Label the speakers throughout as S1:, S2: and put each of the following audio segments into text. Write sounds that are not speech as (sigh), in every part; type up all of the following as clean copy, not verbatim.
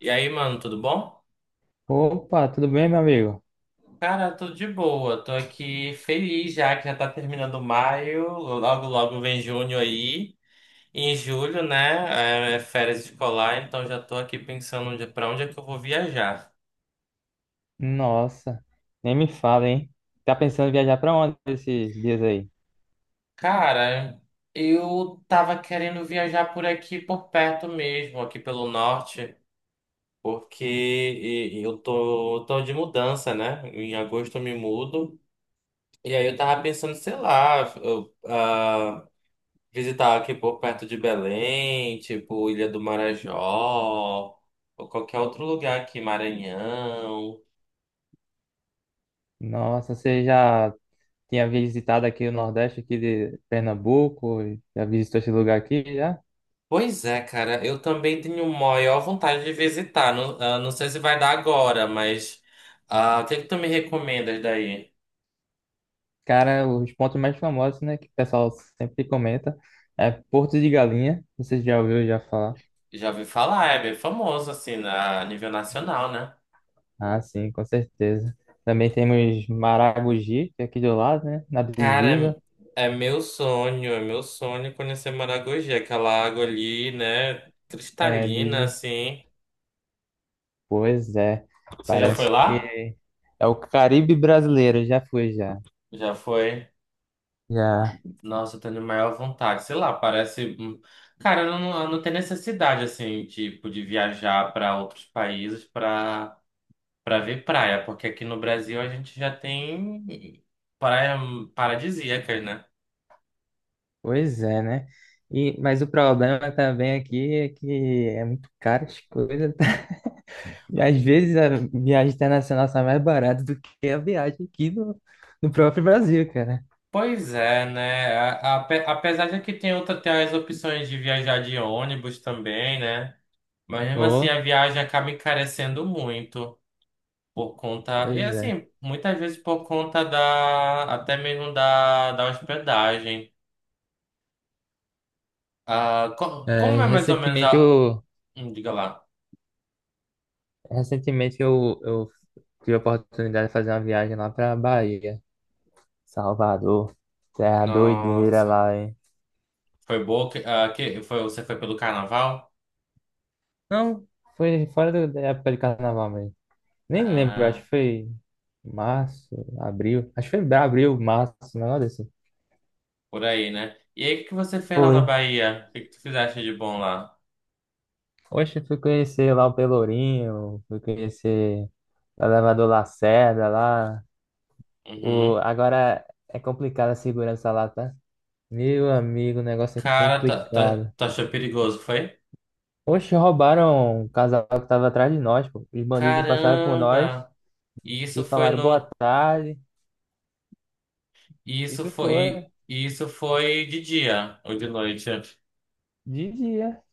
S1: E aí, mano, tudo bom?
S2: Opa, tudo bem, meu amigo?
S1: Cara, tô de boa, tô aqui feliz já que já tá terminando maio, logo logo vem junho aí. E em julho, né, é férias escolar, então já tô aqui pensando onde, pra onde é que eu vou viajar.
S2: Nossa, nem me fala, hein? Tá pensando em viajar pra onde esses dias aí?
S1: Cara, eu tava querendo viajar por aqui, por perto mesmo, aqui pelo norte, porque eu tô, tô de mudança, né? Em agosto eu me mudo. E aí eu tava pensando, sei lá, visitar aqui por perto de Belém, tipo Ilha do Marajó, ou qualquer outro lugar aqui, Maranhão.
S2: Nossa, você já tinha visitado aqui o Nordeste, aqui de Pernambuco? Já visitou esse lugar aqui, já?
S1: Pois é, cara, eu também tenho maior vontade de visitar. Não, não sei se vai dar agora, mas o que é que tu me recomendas daí?
S2: Cara, os pontos mais famosos, né, que o pessoal sempre comenta, é Porto de Galinha, você já ouviu já falar?
S1: Já ouvi falar, é bem famoso, assim, na, a nível nacional, né?
S2: Ah, sim, com certeza. Também temos Maragogi, que é aqui do lado, né, na
S1: Cara,
S2: divisa.
S1: é meu sonho conhecer Maragogi, aquela água ali, né?
S2: É,
S1: Cristalina,
S2: dizem
S1: assim.
S2: pois é,
S1: Você já foi
S2: parece
S1: lá?
S2: que é o Caribe brasileiro, já foi já.
S1: Já foi.
S2: Já.
S1: Nossa, eu tenho maior vontade. Sei lá, parece. Cara, eu não tenho necessidade, assim, tipo, de viajar para outros países para para ver praia, porque aqui no Brasil a gente já tem praia paradisíacas, né?
S2: Pois é, né? E, mas o problema também aqui é que é muito caro as coisas. (laughs) E às vezes a viagem internacional sai mais barata do que a viagem aqui no próprio Brasil, cara.
S1: Pois é, né? Apesar de que tem outra, tem as opções de viajar de ônibus também, né? Mas mesmo assim a
S2: Oh,
S1: viagem acaba encarecendo muito por conta, e
S2: pois é.
S1: assim, muitas vezes por conta da, até mesmo da, da hospedagem.
S2: É,
S1: Como é mais ou menos
S2: recentemente
S1: a.
S2: eu,
S1: Diga lá.
S2: recentemente eu, eu tive a oportunidade de fazer uma viagem lá pra Bahia, Salvador. Terra doideira
S1: Nossa.
S2: lá,
S1: Foi boa? Que, que, foi, você foi pelo carnaval?
S2: não, foi da época de carnaval mesmo. Nem lembro, acho
S1: Ah,
S2: que foi março, abril. Acho que foi abril, março, um negócio assim.
S1: por aí, né? E aí, o que que você fez lá na
S2: Foi.
S1: Bahia? O que, que tu fizeste de bom lá?
S2: Hoje fui conhecer lá o Pelourinho, fui conhecer o elevador Lacerda lá. O,
S1: Uhum.
S2: agora é complicado a segurança lá, tá? Meu amigo, o negócio é
S1: Cara, tá, tá,
S2: complicado.
S1: tu achou perigoso, foi?
S2: Oxe, roubaram um casal que tava atrás de nós, pô. Os bandidos passaram por nós
S1: Caramba! E
S2: e
S1: isso foi
S2: falaram boa
S1: no.
S2: tarde.
S1: E isso
S2: Isso foi
S1: foi. E isso foi de dia ou de noite?
S2: de dia.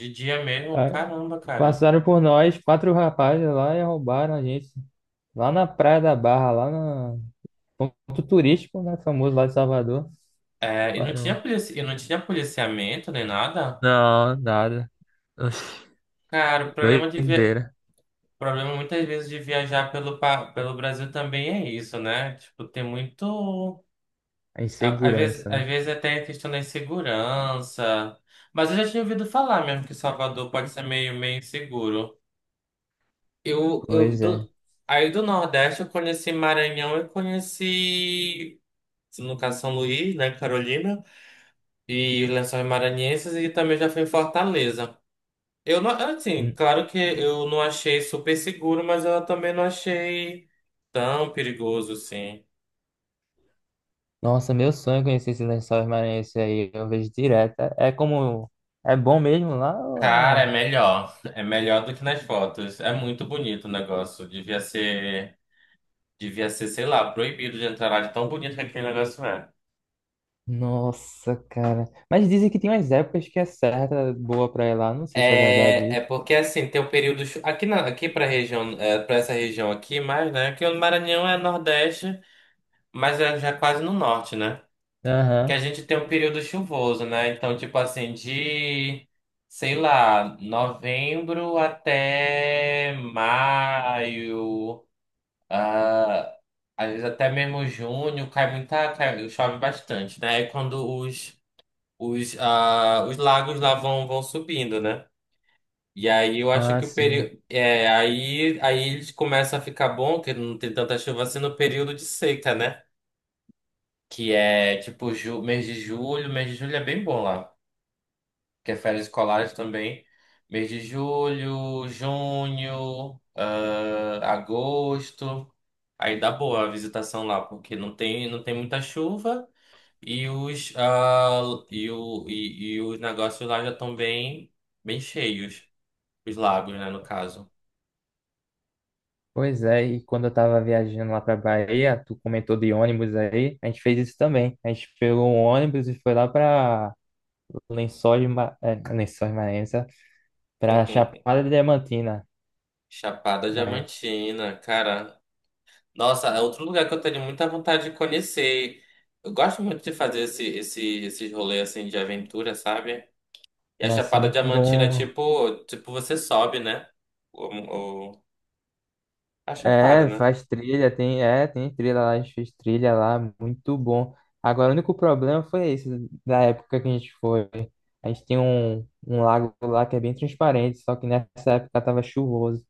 S1: De dia mesmo?
S2: Ah,
S1: Caramba, cara.
S2: passaram por nós, quatro rapazes lá e roubaram a gente. Lá na Praia da Barra, lá no ponto turístico, né? Famoso lá de Salvador.
S1: É, e não
S2: Roubaram
S1: tinha
S2: lá.
S1: polici... e não tinha policiamento nem nada?
S2: Não, nada. Oxi,
S1: Cara, o problema de
S2: doideira.
S1: o problema muitas vezes de viajar pelo, pelo Brasil também é isso, né? Tipo, tem muito.
S2: A insegurança,
S1: Às
S2: né?
S1: vezes até a questão da insegurança. Mas eu já tinha ouvido falar mesmo que Salvador pode ser meio, meio inseguro. Eu
S2: Pois é.
S1: do... Aí do Nordeste eu conheci Maranhão, eu conheci, no caso, São Luís, né, Carolina, e Lençóis Maranhenses, e também já fui em Fortaleza. Eu não, assim,
S2: Hum.
S1: claro que eu não achei super seguro, mas eu também não achei tão perigoso assim.
S2: Nossa, meu sonho é conhecer esses Lençóis Maranhenses aí. Eu vejo direto. É é como. É bom mesmo lá ou
S1: Cara,
S2: é.
S1: é melhor. (laughs) É melhor do que nas fotos. É muito bonito o negócio. Devia ser, sei lá, proibido de entrar lá de tão bonito que aquele negócio é.
S2: Nossa, cara. Mas dizem que tem umas épocas que é certa boa pra ir lá. Não sei se é verdade
S1: É, é
S2: isso.
S1: porque assim, tem o período aqui na, aqui para região, é, para essa região aqui mais, né? Que o Maranhão é Nordeste, mas é já quase no norte, né? Que a
S2: Aham.
S1: gente tem um período chuvoso, né? Então, tipo assim, de, sei lá, novembro até maio, ah, às vezes até mesmo junho, cai muita, chove bastante, né? É quando os, os lagos lá vão, vão subindo, né? E aí eu acho
S2: Ah,
S1: que o
S2: sim.
S1: período. É, aí, aí eles começam a ficar bom, que não tem tanta chuva assim no período de seca, né? Que é tipo mês de julho é bem bom lá. Que é férias escolares também. Mês de julho, junho, agosto. Aí dá boa a visitação lá, porque não tem, não tem muita chuva e os, e, o, e, e os negócios lá já estão bem, bem cheios. Os lagos, né, no caso.
S2: Pois é, e quando eu tava viajando lá pra Bahia, tu comentou de ônibus aí, a gente fez isso também. A gente pegou um ônibus e foi lá pra é, Lençóis Maranhenses, ó, pra
S1: (laughs)
S2: Chapada Diamantina.
S1: Chapada
S2: Ai,
S1: Diamantina, cara. Nossa, é outro lugar que eu tenho muita vontade de conhecer. Eu gosto muito de fazer esses rolês assim de aventura, sabe? E a
S2: nossa, é
S1: Chapada
S2: muito
S1: Diamantina é
S2: bom.
S1: tipo, tipo você sobe, né? O, o- a Chapada,
S2: É,
S1: né?
S2: é, tem trilha lá, a gente fez trilha lá, muito bom. Agora, o único problema foi esse, da época que a gente foi. A gente tem um lago lá que é bem transparente, só que nessa época tava chuvoso.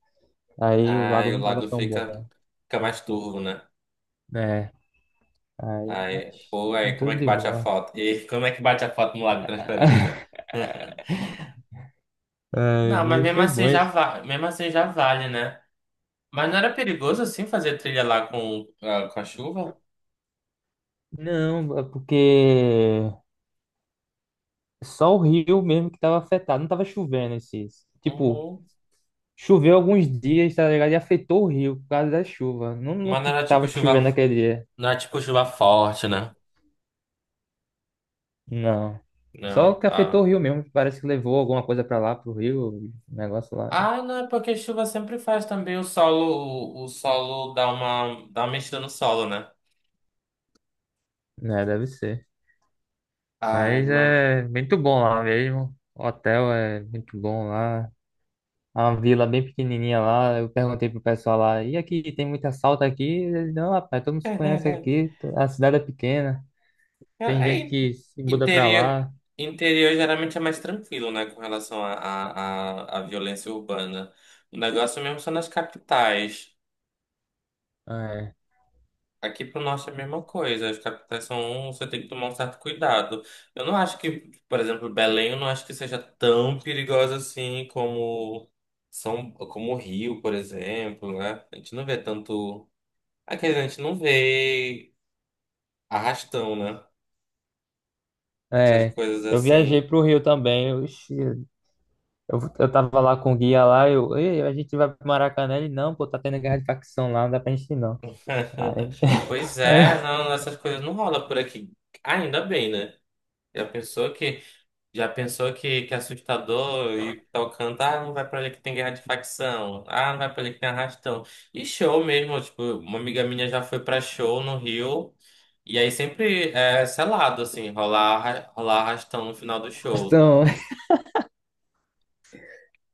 S2: Aí o lago
S1: Aí o
S2: não tava
S1: lago
S2: tão
S1: fica,
S2: bom.
S1: fica mais turvo, né?
S2: Né? Aí,
S1: Aí,
S2: mas
S1: pô, aí como
S2: tudo
S1: é que
S2: de
S1: bate a
S2: boa.
S1: foto? E como é que bate a foto no lago transparente?
S2: (laughs)
S1: (laughs)
S2: Ai,
S1: Não, mas
S2: mas
S1: mesmo
S2: foi bom
S1: assim
S2: isso.
S1: mesmo assim já vale, né? Mas não era perigoso assim fazer trilha lá com, com a chuva?
S2: Não, é porque só o rio mesmo que tava afetado, não tava chovendo esses. Tipo,
S1: Uhum.
S2: choveu alguns dias, tá ligado? E afetou o rio por causa da chuva. Não, não
S1: Mas não
S2: que
S1: era tipo
S2: tava chovendo
S1: chuva,
S2: naquele dia.
S1: não era tipo chuva forte, né?
S2: Não. Só
S1: Não.
S2: que afetou o
S1: Ah.
S2: rio mesmo. Parece que levou alguma coisa pra lá, pro rio, um negócio lá.
S1: Ah, não, é porque chuva sempre faz também o solo, o solo dá uma mexida no solo, né?
S2: É, deve ser.
S1: Ah,
S2: Mas
S1: não.
S2: é muito bom lá mesmo. O hotel é muito bom lá. Uma vila bem pequenininha lá. Eu perguntei pro pessoal lá, e aqui, tem muito assalto aqui? Eles, não, rapaz, todo mundo se conhece
S1: (laughs)
S2: aqui, a cidade é pequena, tem gente
S1: Aí,
S2: que se muda pra
S1: interior,
S2: lá.
S1: interior geralmente é mais tranquilo, né, com relação à violência urbana. O negócio mesmo são nas capitais.
S2: É,
S1: Aqui pro norte é a mesma coisa. As capitais são, você tem que tomar um certo cuidado. Eu não acho que, Por exemplo, Belém, eu não acho que seja tão perigosa assim como como o Rio, por exemplo, né? A gente não vê tanto. Aqui a gente não vê arrastão, né? Essas
S2: é.
S1: coisas
S2: Eu viajei
S1: assim.
S2: pro Rio também, oxi, eu tava lá com o guia lá, eu, ei, a gente vai pro Maracanã, ele, não, pô, tá tendo guerra de facção lá, não dá pra gente ir não. Aí,
S1: (laughs) Pois é,
S2: (laughs)
S1: não, essas coisas não rolam por aqui. Ainda bem, né? Já pensou que Já pensou que é assustador e tal canto, não vai pra ali que tem guerra de facção, não vai pra ali que tem arrastão. E show mesmo, tipo, uma amiga minha já foi pra show no Rio, e aí sempre é selado, assim, rolar, rolar arrastão no final do show.
S2: então,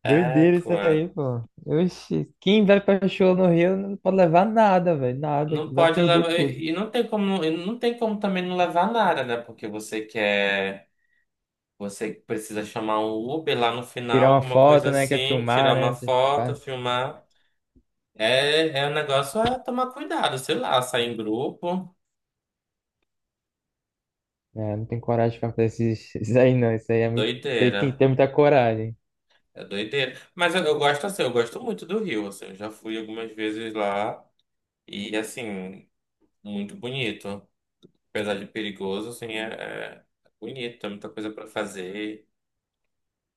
S1: É,
S2: doideira isso
S1: cara.
S2: aí, pô. Oxi, quem vai pra show no Rio não pode levar nada, velho, nada,
S1: Não
S2: que vai
S1: pode
S2: perder
S1: levar,
S2: tudo.
S1: e não tem como também não levar nada, né? Porque você quer, você precisa chamar um Uber lá no final,
S2: Tirar uma
S1: alguma coisa
S2: foto, né? Quer
S1: assim,
S2: filmar,
S1: tirar uma
S2: né? Essas
S1: foto,
S2: pá.
S1: filmar. É, é um negócio é tomar cuidado, sei lá, sair em grupo,
S2: É, não tem coragem pra fazer esses, (laughs) esses aí, não. Isso aí é muito. Tem
S1: doideira.
S2: que ter muita coragem.
S1: É doideira. Mas eu gosto assim, eu gosto muito do Rio, assim, eu já fui algumas vezes lá e assim, muito bonito. Apesar de perigoso, assim, é bonito, tem muita coisa para fazer.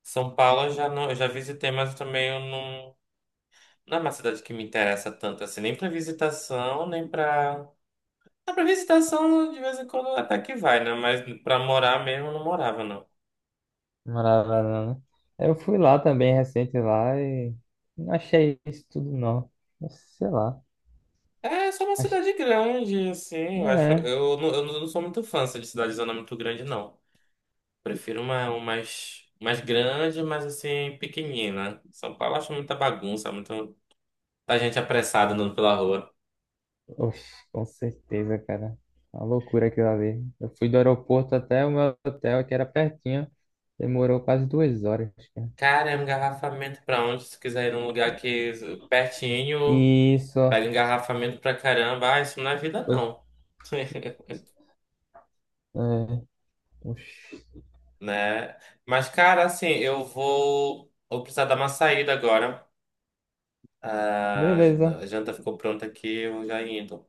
S1: São Paulo eu já não, eu já visitei, mas também eu não, não é uma cidade que me interessa tanto assim, nem para visitação, nem para, para visitação de vez em quando até que vai, né? Mas para morar mesmo eu não morava, não.
S2: Morar lá, não, né? Eu fui lá também, recente lá, e não achei isso tudo, não. Mas, sei lá.
S1: É só uma
S2: Acho...
S1: cidade grande, assim.
S2: É,
S1: Eu não sou muito fã assim, de cidade zona muito grande, não. Prefiro uma mais, mais grande, mas assim, pequenina. São Paulo eu acho muita bagunça, muito, muita gente apressada andando pela rua.
S2: oxe, com certeza, cara. É uma loucura aquilo ali. Eu fui do aeroporto até o meu hotel, que era pertinho. Demorou quase 2 horas, cara.
S1: Cara, é um engarrafamento pra onde? Se quiser ir num lugar que pertinho,
S2: E isso. Ó.
S1: pega engarrafamento pra caramba. Ah, isso não é vida,
S2: Pois-
S1: não. (laughs)
S2: é, oxe.
S1: Né? Mas, cara, assim, vou precisar dar uma saída agora. A
S2: Beleza.
S1: janta ficou pronta aqui, eu já indo.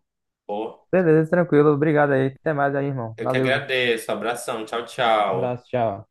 S1: Pô,
S2: Beleza, tranquilo. Obrigado aí. Até mais aí, irmão.
S1: eu que
S2: Valeu.
S1: agradeço. Abração, tchau,
S2: Abraço,
S1: tchau.
S2: tchau.